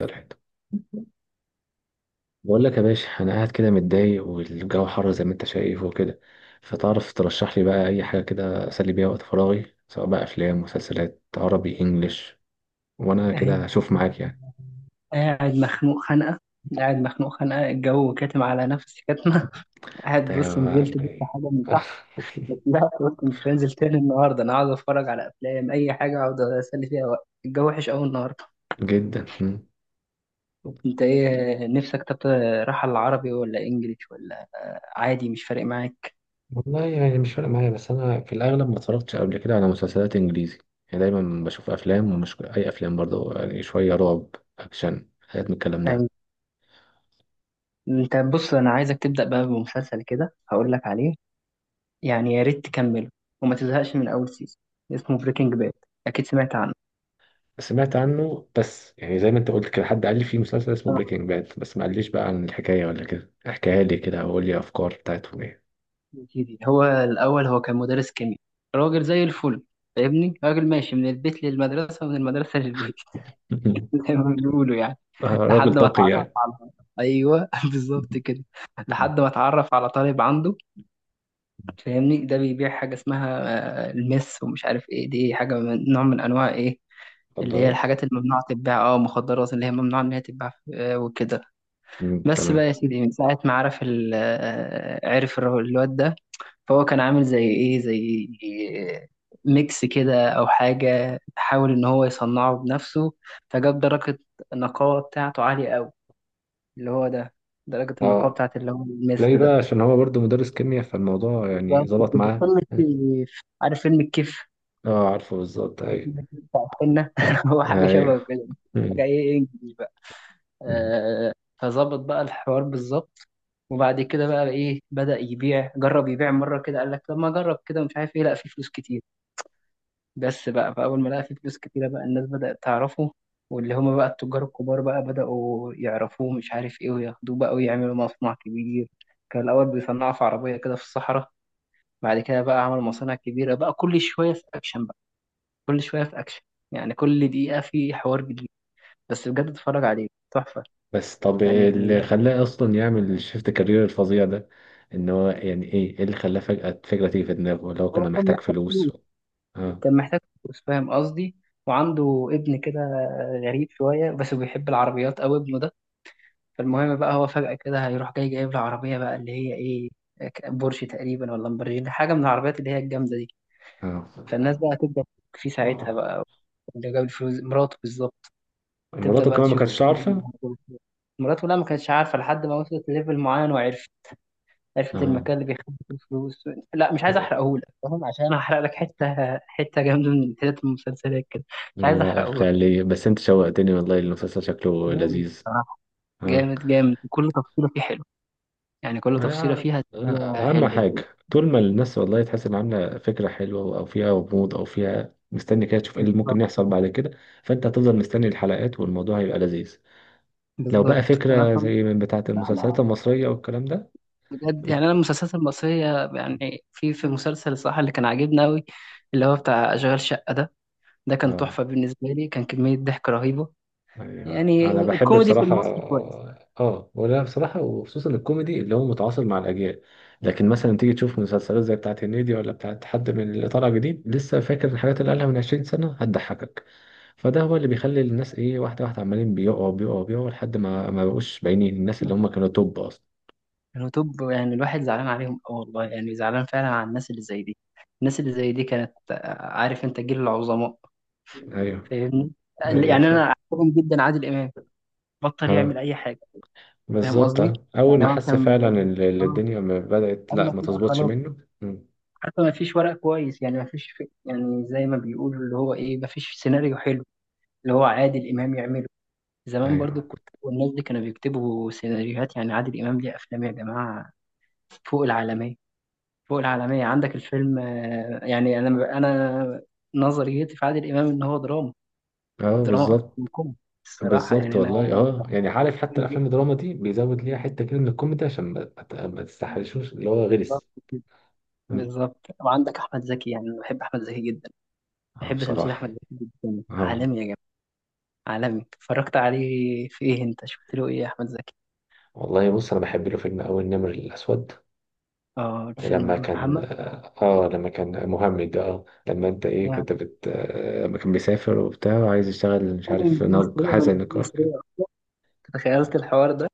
الحته، بقول لك يا باشا انا قاعد كده متضايق والجو حر زي ما انت شايف وكده. فتعرف ترشح لي بقى اي حاجه كده اسلي بيها وقت فراغي، سواء بقى افلام مسلسلات عربي انجليش، وانا أهي. كده اشوف معاك يعني. قاعد مخنوق خنقة قاعد مخنوق خنقة، الجو كاتم على نفسي كاتمة. قاعد، بص نزلت جبت طيب. حاجة من تحت. لا قلت مش هنزل تاني النهاردة، أنا عاوز أتفرج على أفلام، أي حاجة أقعد أسلي فيها وقت الجو وحش أوي النهاردة. جدا. مم. أنت إيه نفسك؟ طب رايحة العربي ولا إنجليش ولا؟ عادي مش فارق معاك؟ والله يعني مش فارق معايا، بس انا في الاغلب ما اتفرجتش قبل كده على مسلسلات انجليزي. يعني دايما بشوف افلام، ومش اي افلام برضه، يعني شويه رعب، اكشن، حاجات من الكلام يعني ده. أنت بص، أنا عايزك تبدأ بقى بمسلسل كده هقول لك عليه. يعني يا ريت تكمله وما تزهقش من أول سيزون. اسمه بريكنج باد، أكيد سمعت عنه. سمعت عنه، بس يعني زي ما انت قلت كده حد قال لي في مسلسل اسمه بريكنج باد، بس ما قاليش بقى عن الحكاية ولا كده، احكيها لي كده او قول لي افكار بتاعتهم ايه. أكيد، هو الأول هو كان مدرس كيمياء، راجل زي الفل، فاهمني؟ راجل ماشي من البيت للمدرسة ومن المدرسة للبيت. زي ما بيقولوا يعني. آه، لحد راجل ما طاقي اتعرف يعني. على، أيوه بالظبط كده، لحد ما اتعرف على طالب عنده، فاهمني؟ ده بيبيع حاجة اسمها، المس ومش عارف إيه، دي حاجة من نوع من أنواع إيه، اللي هي مخدرات. الحاجات الممنوعة تتباع، اه مخدرات، اللي هي ممنوعة إن هي تتباع، وكده. بس بقى تمام. يا سيدي، من ساعة ما عرف الواد ده، فهو كان عامل زي ايه، زي ميكس كده او حاجه، حاول ان هو يصنعه بنفسه، فجاب درجه النقاوه بتاعته عاليه قوي، اللي هو ده درجه النقاوه اه، بتاعت اللي هو الميس تلاقي بقى ده. عشان هو برضه مدرس كيمياء، فالموضوع يعني بالظبط ظبط كده. معاه. فيلم الكيف، عارف فيلم الكيف؟ اه عارفه، بالظبط، ايوه. فيلم الكيف بتاع الحنه، هو حاجه شبه ايوه. كده. حاجه مم. ايه، انجلش بقى، مم. آه. فظبط بقى الحوار بالظبط. وبعد كده بقى ايه، بدأ يبيع، جرب يبيع مره كده، قال لك طب ما اجرب كده ومش عارف ايه، لا في فلوس كتير. بس بقى فأول ما لقى فيه فلوس كتيرة، بقى الناس بدأت تعرفه، واللي هما بقى التجار الكبار بقى بدأوا يعرفوه مش عارف إيه، وياخدوه بقى ويعملوا مصنع كبير. كان الأول بيصنعه في عربية كده في الصحراء، بعد كده بقى عمل مصانع كبيرة، بقى كل شوية في أكشن، بقى كل شوية في أكشن، يعني كل دقيقة في حوار جديد. بس بجد اتفرج عليه، تحفة. بس طب يعني اللي خلاه اصلا يعمل الشيفت كارير الفظيع ده، ان هو يعني ايه، إيه اللي خلاه فجأة الفكرة تيجي في دماغه؟ اللي هو هو كان كان محتاج محتاج فلوس، فلوس. اه. كان محتاج فلوس، فاهم قصدي؟ وعنده ابن كده، غريب شوية بس بيحب العربيات أوي ابنه ده. فالمهم بقى هو فجأة كده هيروح جاي جايب له عربية بقى، اللي هي إيه، بورش تقريبا ولا لامبرجيني، حاجة من العربيات اللي هي الجامدة دي. اه. فالناس بقى هتبدأ تشك فيه ساعتها بقى، اللي جاب الفلوس مراته بالظبط. هتبدأ مراته بقى كمان ما تشك كانتش فيه. عارفة. مراته لا ما كانتش عارفة، لحد ما وصلت لليفل معين وعرفت، عرفت اه، المكان اللي بيخبي فيه الفلوس. لا مش عايز احرقهولك، فاهم؟ عشان هحرق لك حتة حتة جامدة من حتت المسلسلات كده. مش عايز لا احرقهولك. خلي، بس انت شوقتني والله، المسلسل شكله جامد لذيذ. بصراحة. اه. جامد جامد، كل تفصيلة فيه حلو، يعني كل تفصيلة فيها اهم حلوة. حاجة طول ما الناس والله تحس ان عاملة فكرة حلوة، او فيها غموض، او فيها مستني كده تشوف ايه اللي ممكن يحصل بعد كده. فانت هتفضل مستني الحلقات، والموضوع هيبقى لذيذ. لو بقى بالظبط. انا فكرة طب... زي من بتاعة لا لا، المسلسلات المصرية والكلام ده. بجد يعني، انا بت- المسلسلات المصريه، يعني في مسلسل الصراحه اللي كان عاجبني قوي، اللي هو بتاع اشغال شقه ده، ده كان اه، تحفه بالنسبه لي، كان كميه ضحك رهيبه. ايوه يعني انا بحب الكوميدي في بصراحه. المصري كويس. اه ولا بصراحه، وخصوصا الكوميدي اللي هو متعاصر مع الاجيال. لكن مثلا تيجي تشوف مسلسلات زي بتاعت هنيدي، ولا بتاعت حد من اللي طالع جديد لسه، فاكر الحاجات اللي قالها من 20 سنه هتضحكك. فده هو اللي بيخلي الناس ايه، واحده واحده، عمالين بيقعوا بيقعوا بيقعوا لحد ما ما بقوش باينين، الناس اللي هم بالظبط. كانوا توب اصلا. كانوا توب، يعني الواحد زعلان عليهم أوي والله، يعني زعلان فعلا على الناس اللي زي دي. الناس اللي زي دي كانت، عارف انت جيل العظماء، ايوه. فاهمني؟ يعني ايوه انا فاهم. عاجبني جدا عادل امام، بطل اه يعمل اي حاجه، فاهم بالظبط، قصدي؟ اه اول يعني ما هو حس كان، فعلا ان آه، الدنيا ما بدات، قال لا لك ما لا تظبطش خلاص، منه. حتى ما فيش ورق كويس، يعني ما فيش في، يعني زي ما بيقولوا اللي هو ايه، ما فيش سيناريو حلو اللي هو عادل امام يعمله. زمان برضو ايوه. كنت، والناس دي كانوا بيكتبوا سيناريوهات، يعني عادل امام ليه افلام يا جماعه فوق العالميه، فوق العالميه. عندك الفيلم، يعني انا نظريتي في عادل امام ان هو دراما، اه دراما اكتر من بالظبط. كوميدي الصراحه، بالظبط يعني والله، انا اه يعني عارف حتى بحبه الافلام جدا. الدراما دي بيزود ليها حته كده من الكوميدي، عشان ما تستحرشوش اللي هو بالظبط غلس. كده. م. بالظبط. وعندك احمد زكي، يعني أنا بحب احمد زكي جدا، اه بحب تمثيل احمد بصراحه. زكي جدا، اه عالمي يا. عالمي. اتفرجت عليه في ايه، انت شفت له ايه يا احمد زكي؟ والله بص، انا بحب له فيلم اول النمر الاسود. اه لما الفيلم كان محمد. اه، آه، لما كان مهمد ده، اه لما انت ايه أنا كنت بت، آه، لما كان بيسافر وبتاع وعايز يشتغل، مش بتكلم إن عارف دي نج، مصرية حازم ولا دي نجار كان. مصرية، تخيلت الحوار ده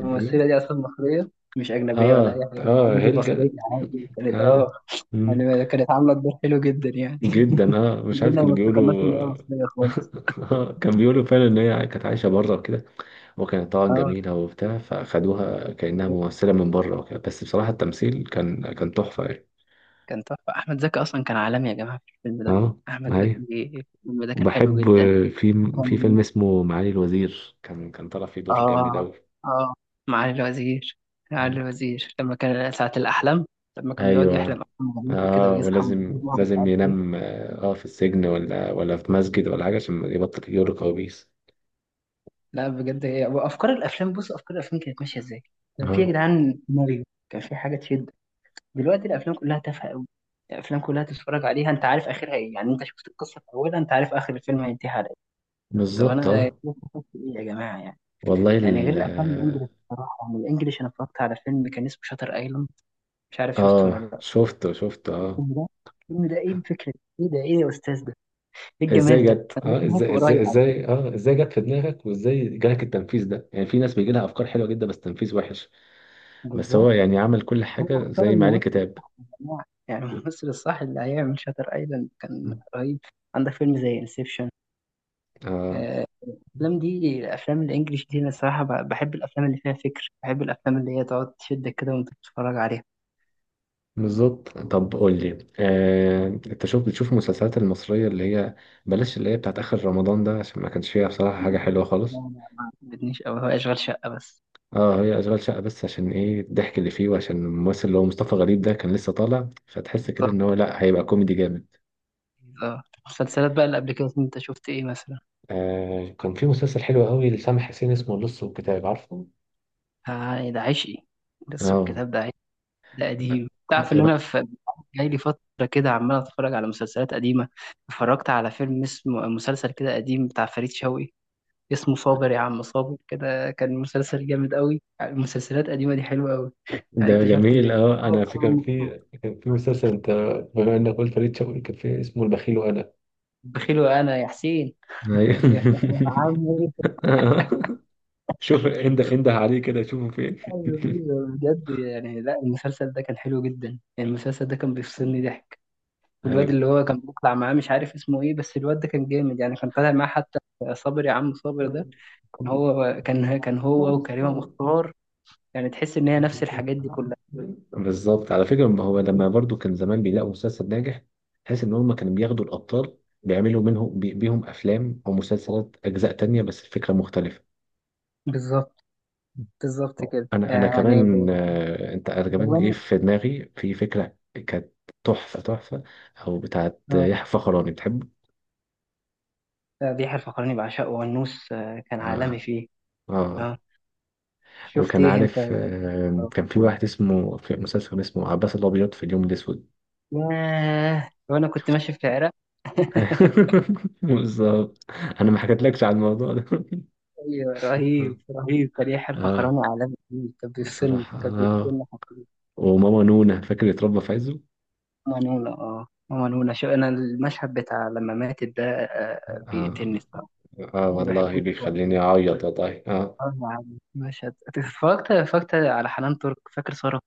الايه؟ دي اصلا مصرية، مش اجنبية ولا اي اه. حاجة اه عادي، دي مصرية هلجا. عادي كانت اه. اه. م. يعني كانت عاملة الدور حلو جدا يعني. جدا، اه، مش عارف كلنا كانوا ما افتكرناش بيقولوا. ان هي مصرية خالص. آه، كان بيقولوا فعلا ان هي كانت عايشه بره وكده، وكانت طبعا اه جميله وبتاع، فاخدوها كانها ممثله من بره وكده، بس بصراحه التمثيل كان كان تحفه يعني. كان تحفة، أحمد زكي أصلا كان عالمي يا جماعة في الفيلم ده. اه. أحمد ايوه. زكي الفيلم ده كان حلو وبحب جدا. في في فيلم وكان اسمه معالي الوزير، كان كان طالع فيه دور جامد اه اوي. اه، معالي الوزير، معالي مم. الوزير لما كان ساعة الأحلام، لما كان بيقعد يحلم ايوه. أحلام غريبة وكده، اه ويصحى من ولازم النوم مش لازم عارف إيه. ينام، اه آه، في السجن، ولا في مسجد ولا حاجه عشان يبطل يجيله كوابيس. لا بجد هي، وأفكار الأفلام، بص أفكار الأفلام كانت ماشية إزاي، كان في يا اه جدعان سيناريو، كان في حاجة تشد. دلوقتي الأفلام كلها تافهة أوي، الأفلام كلها تتفرج عليها أنت عارف آخرها إيه، يعني أنت شفت القصة في أولها أنت عارف آخر الفيلم هينتهي على إيه. طب بالظبط. أنا اه. شفت إيه يا جماعة يعني؟ والله. يعني غير الأفلام الإنجليش بصراحة، يعني الإنجليش، أنا اتفرجت على فيلم كان اسمه شاتر أيلاند، مش عارف شفته اه ولا لأ. شفته شفته اه. الفيلم ده، الفيلم ده ايه الفكره دي؟ ايه ده، ايه يا استاذ ده، ايه ازاي الجمال ده، جت، انا اه لسه عارفه ازاي ازاي قريب على فكرة. ازاي، اه ازاي جت في دماغك، وازاي جالك التنفيذ ده؟ يعني في ناس بيجي لها افكار حلوه جدا بس تنفيذ وحش. بس بالظبط. هو يعني عمل كل هو حاجه اختار زي ما عليه الممثل كتاب. يا جماعه، يعني الممثل الصح اللي هيعمل شاتر ايلاند كان رهيب. عندك فيلم زي انسبشن. اه الافلام دي، الافلام الانجليش دي، انا الصراحه بحب الافلام اللي فيها فكر، بحب الافلام اللي هي تقعد تشدك كده وانت بتتفرج عليها. بالظبط. طب قول لي، آه، انت شوف بتشوف المسلسلات المصريه اللي هي، بلاش اللي هي بتاعت اخر رمضان ده عشان ما كانش فيها بصراحه حاجه حلوه لا خالص. لا، ما عجبتنيش قوي، هو اشغال شقه بس. اه، هي اشغال شقه بس، عشان ايه الضحك اللي فيه، وعشان الممثل اللي هو مصطفى غريب ده كان لسه طالع، فتحس كده ان بالظبط. هو لا هيبقى كوميدي جامد. اه المسلسلات بقى اللي قبل كده انت شفت ايه مثلا؟ آه كان في مسلسل حلو قوي لسامح حسين اسمه اللص والكتاب، عارفه؟ ده عشقي. بس اه. الكتاب ده، ده قديم. تعرف ان انا في، جاي لي فتره كده عمال اتفرج على مسلسلات قديمه، اتفرجت على فيلم اسمه، مسلسل كده قديم بتاع فريد شوقي اسمه صابر يا عم صابر كده، كان مسلسل جامد قوي. يعني المسلسلات القديمه دي حلوه قوي. يعني ده اكتشفت جميل، إن اه هو انا في كمان كان في مبسوط. كان في مسلسل انت، بما انك قلت فريد شوقي، كان في اسمه البخيل وانا. بخيل وانا يا حسين. يا أيوة. عم إيه؟ شوف انده انده عليه كده، شوفه أيوة، فين. أيوة، بجد يعني لا، المسلسل ده كان حلو جدا، يعني المسلسل ده كان بيفصلني ضحك. والواد اللي هو كان بيطلع معاه، مش عارف اسمه ايه، بس الواد ده كان جامد، يعني كان طالع معاه حتى. صابر يا عم صابر ده، كان هو، كان هو وكريمة ايوه مختار، يعني تحس ان هي نفس الحاجات دي كلها. بالظبط. على فكرة ما هو لما برضو كان زمان بيلاقوا مسلسل ناجح، تحس ان هم كانوا بياخدوا الابطال بيعملوا منهم بيهم افلام او مسلسلات اجزاء تانية، بس الفكرة مختلفة. بالظبط. بالظبط كده انا انا يعني. كمان، آه، انت انا كمان جه الفقراني. في دماغي في فكرة، كانت تحفة تحفة، او بتاعت اه. يحيى فخراني، بتحبه؟ بيحيى الفقراني بعشقه، والنوس كان اه. عالمي فيه. اه اه. شفت وكان ايه انت؟ عارف، آه، كان في واحد اسمه، في مسلسل كان اسمه عباس الابيض في اليوم الاسود. ياه، وانا كنت ماشي في العراق. بالظبط. انا ما حكيتلكش على الموضوع ده. ايوه، رهيب رهيب كان يحيى الفقراني اه عالمي فيه، بصراحة. كان اه بيفصلني. وماما نونا، فاكر اتربى في عزه. ماما نونا، اه ماما نونا، شو انا المشهد بتاع لما ماتت ده، اه. بيقتلني الصراحه. اه ما والله بحبوش خالص. بيخليني اعيط والله، اه. يعني مشهد، اتفرجت على حنان ترك، فاكر صورة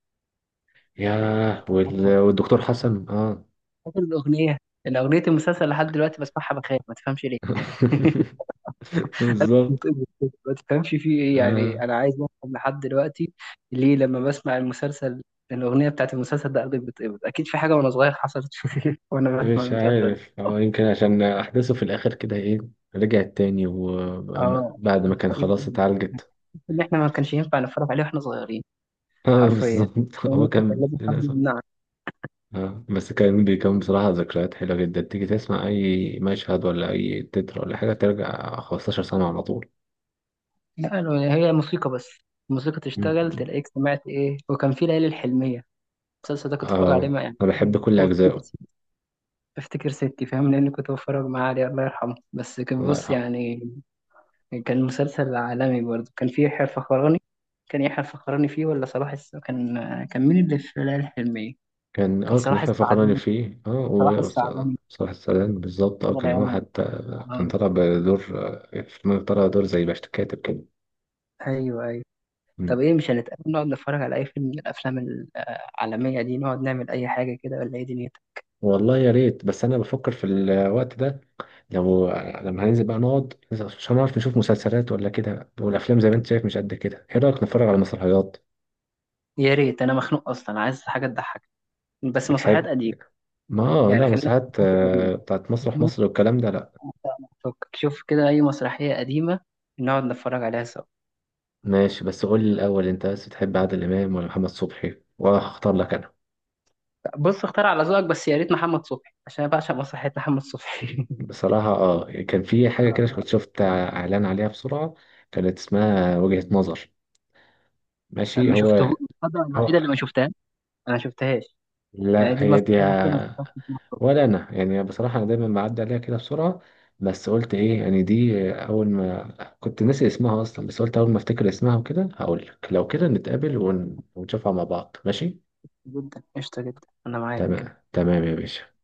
ياه، حنان والدكتور ترك؟ حسن، اه. فاكر الاغنيه؟ الاغنيه، المسلسل لحد دلوقتي بسمعها بخاف ما تفهمش ليه. بالظبط. ما تفهمش فيه ايه، يعني آه. انا عايز افهم لحد دلوقتي ليه. لما بسمع المسلسل، الاغنيه بتاعت المسلسل ده قلبي بيتقبض، اكيد في حاجه وانا صغير حصلت. وانا بسمع مش المسلسل. عارف، هو يمكن عشان احداثه في الاخر كده، ايه رجعت تاني اه وبعد ما كان كان كئيب خلاص قوي، اتعالجت. ان احنا ما كانش ينفع نتفرج عليه واحنا صغيرين. اه حرفيا بالظبط. هو الموسيقى كان كان لازم حد للاسف. يمنعك. اه، بس كان بيكون بصراحة ذكريات حلوة جدا، تيجي تسمع أي مشهد ولا أي تتر ولا حاجة، ترجع 15 سنة على طول. لا، لو هي موسيقى بس الموسيقى تشتغل، مم. تلاقيك سمعت ايه. وكان في ليالي الحلميه. المسلسل ده كنت بتفرج عليه اه مع، يعني أنا كنت بحب كل بشوفه أجزائه. بفتكر ستي، فاهم لان كنت بتفرج معاه عليه، الله يرحمه. بس كان الله بص يرحمه. يعني، كان مسلسل عالمي برضه، كان فيه يحيى الفخراني. كان يحيى الفخراني فيه ولا صلاح كان، كان مين اللي في ليالي الحلميه؟ كان كان اه كان صلاح يحيى فخراني السعداني. فيه، اه، صلاح السعداني، وصلاح السلام بالظبط، اه الله كان هو يعينه. حتى، كان طالع بدور، آه، في طالع دور زي باش كاتب كده. ايوه ايوه. طب مم. ايه، مش هنتقابل نقعد نتفرج على اي فيلم من الافلام العالميه دي، نقعد نعمل اي حاجه كده ولا ايه دنيتك؟ والله يا ريت، بس أنا بفكر في الوقت ده، لو لما هننزل بقى نقعد عشان نعرف نشوف مسلسلات ولا كده، والافلام زي ما انت شايف مش قد كده، ايه رايك نتفرج على مسرحيات؟ يا ريت، انا مخنوق اصلا عايز حاجه تضحك، بس مسرحيات بتحب، قديمه. ما، آه، لا يعني خلينا في مسرحيات، المسرحيات آه، بتاعت مسرح القديمه. مصر والكلام ده لا. شوف كده اي مسرحيه قديمه نقعد نتفرج عليها سوا. ماشي، بس قول لي الاول، انت بس بتحب عادل امام ولا محمد صبحي، وانا هختار لك انا. بص اختار على ذوقك، بس يا ريت محمد صبحي عشان انا بعشق مسرحيات محمد صبحي. بصراحه اه كان في حاجه كده كنت شفت اعلان عليها بسرعه، كانت اسمها وجهة نظر. ماشي، ما هو شفته، الفتره هو الوحيده اللي ما شفتها، انا ما شفتهاش. يعني لا دي هي المسرحيه دي. الوحيده اللي ما شفتهاش محمد صبحي. ولا انا يعني بصراحه انا دايما بعدي عليها كده بسرعه. بس قلت ايه، يعني دي اول ما كنت ناسي اسمها اصلا، بس قلت اول ما افتكر اسمها وكده هقول لك، لو كده نتقابل ونشوفها مع بعض، ماشي. جدا قشطه جدا انا معاك. تمام تمام يا باشا.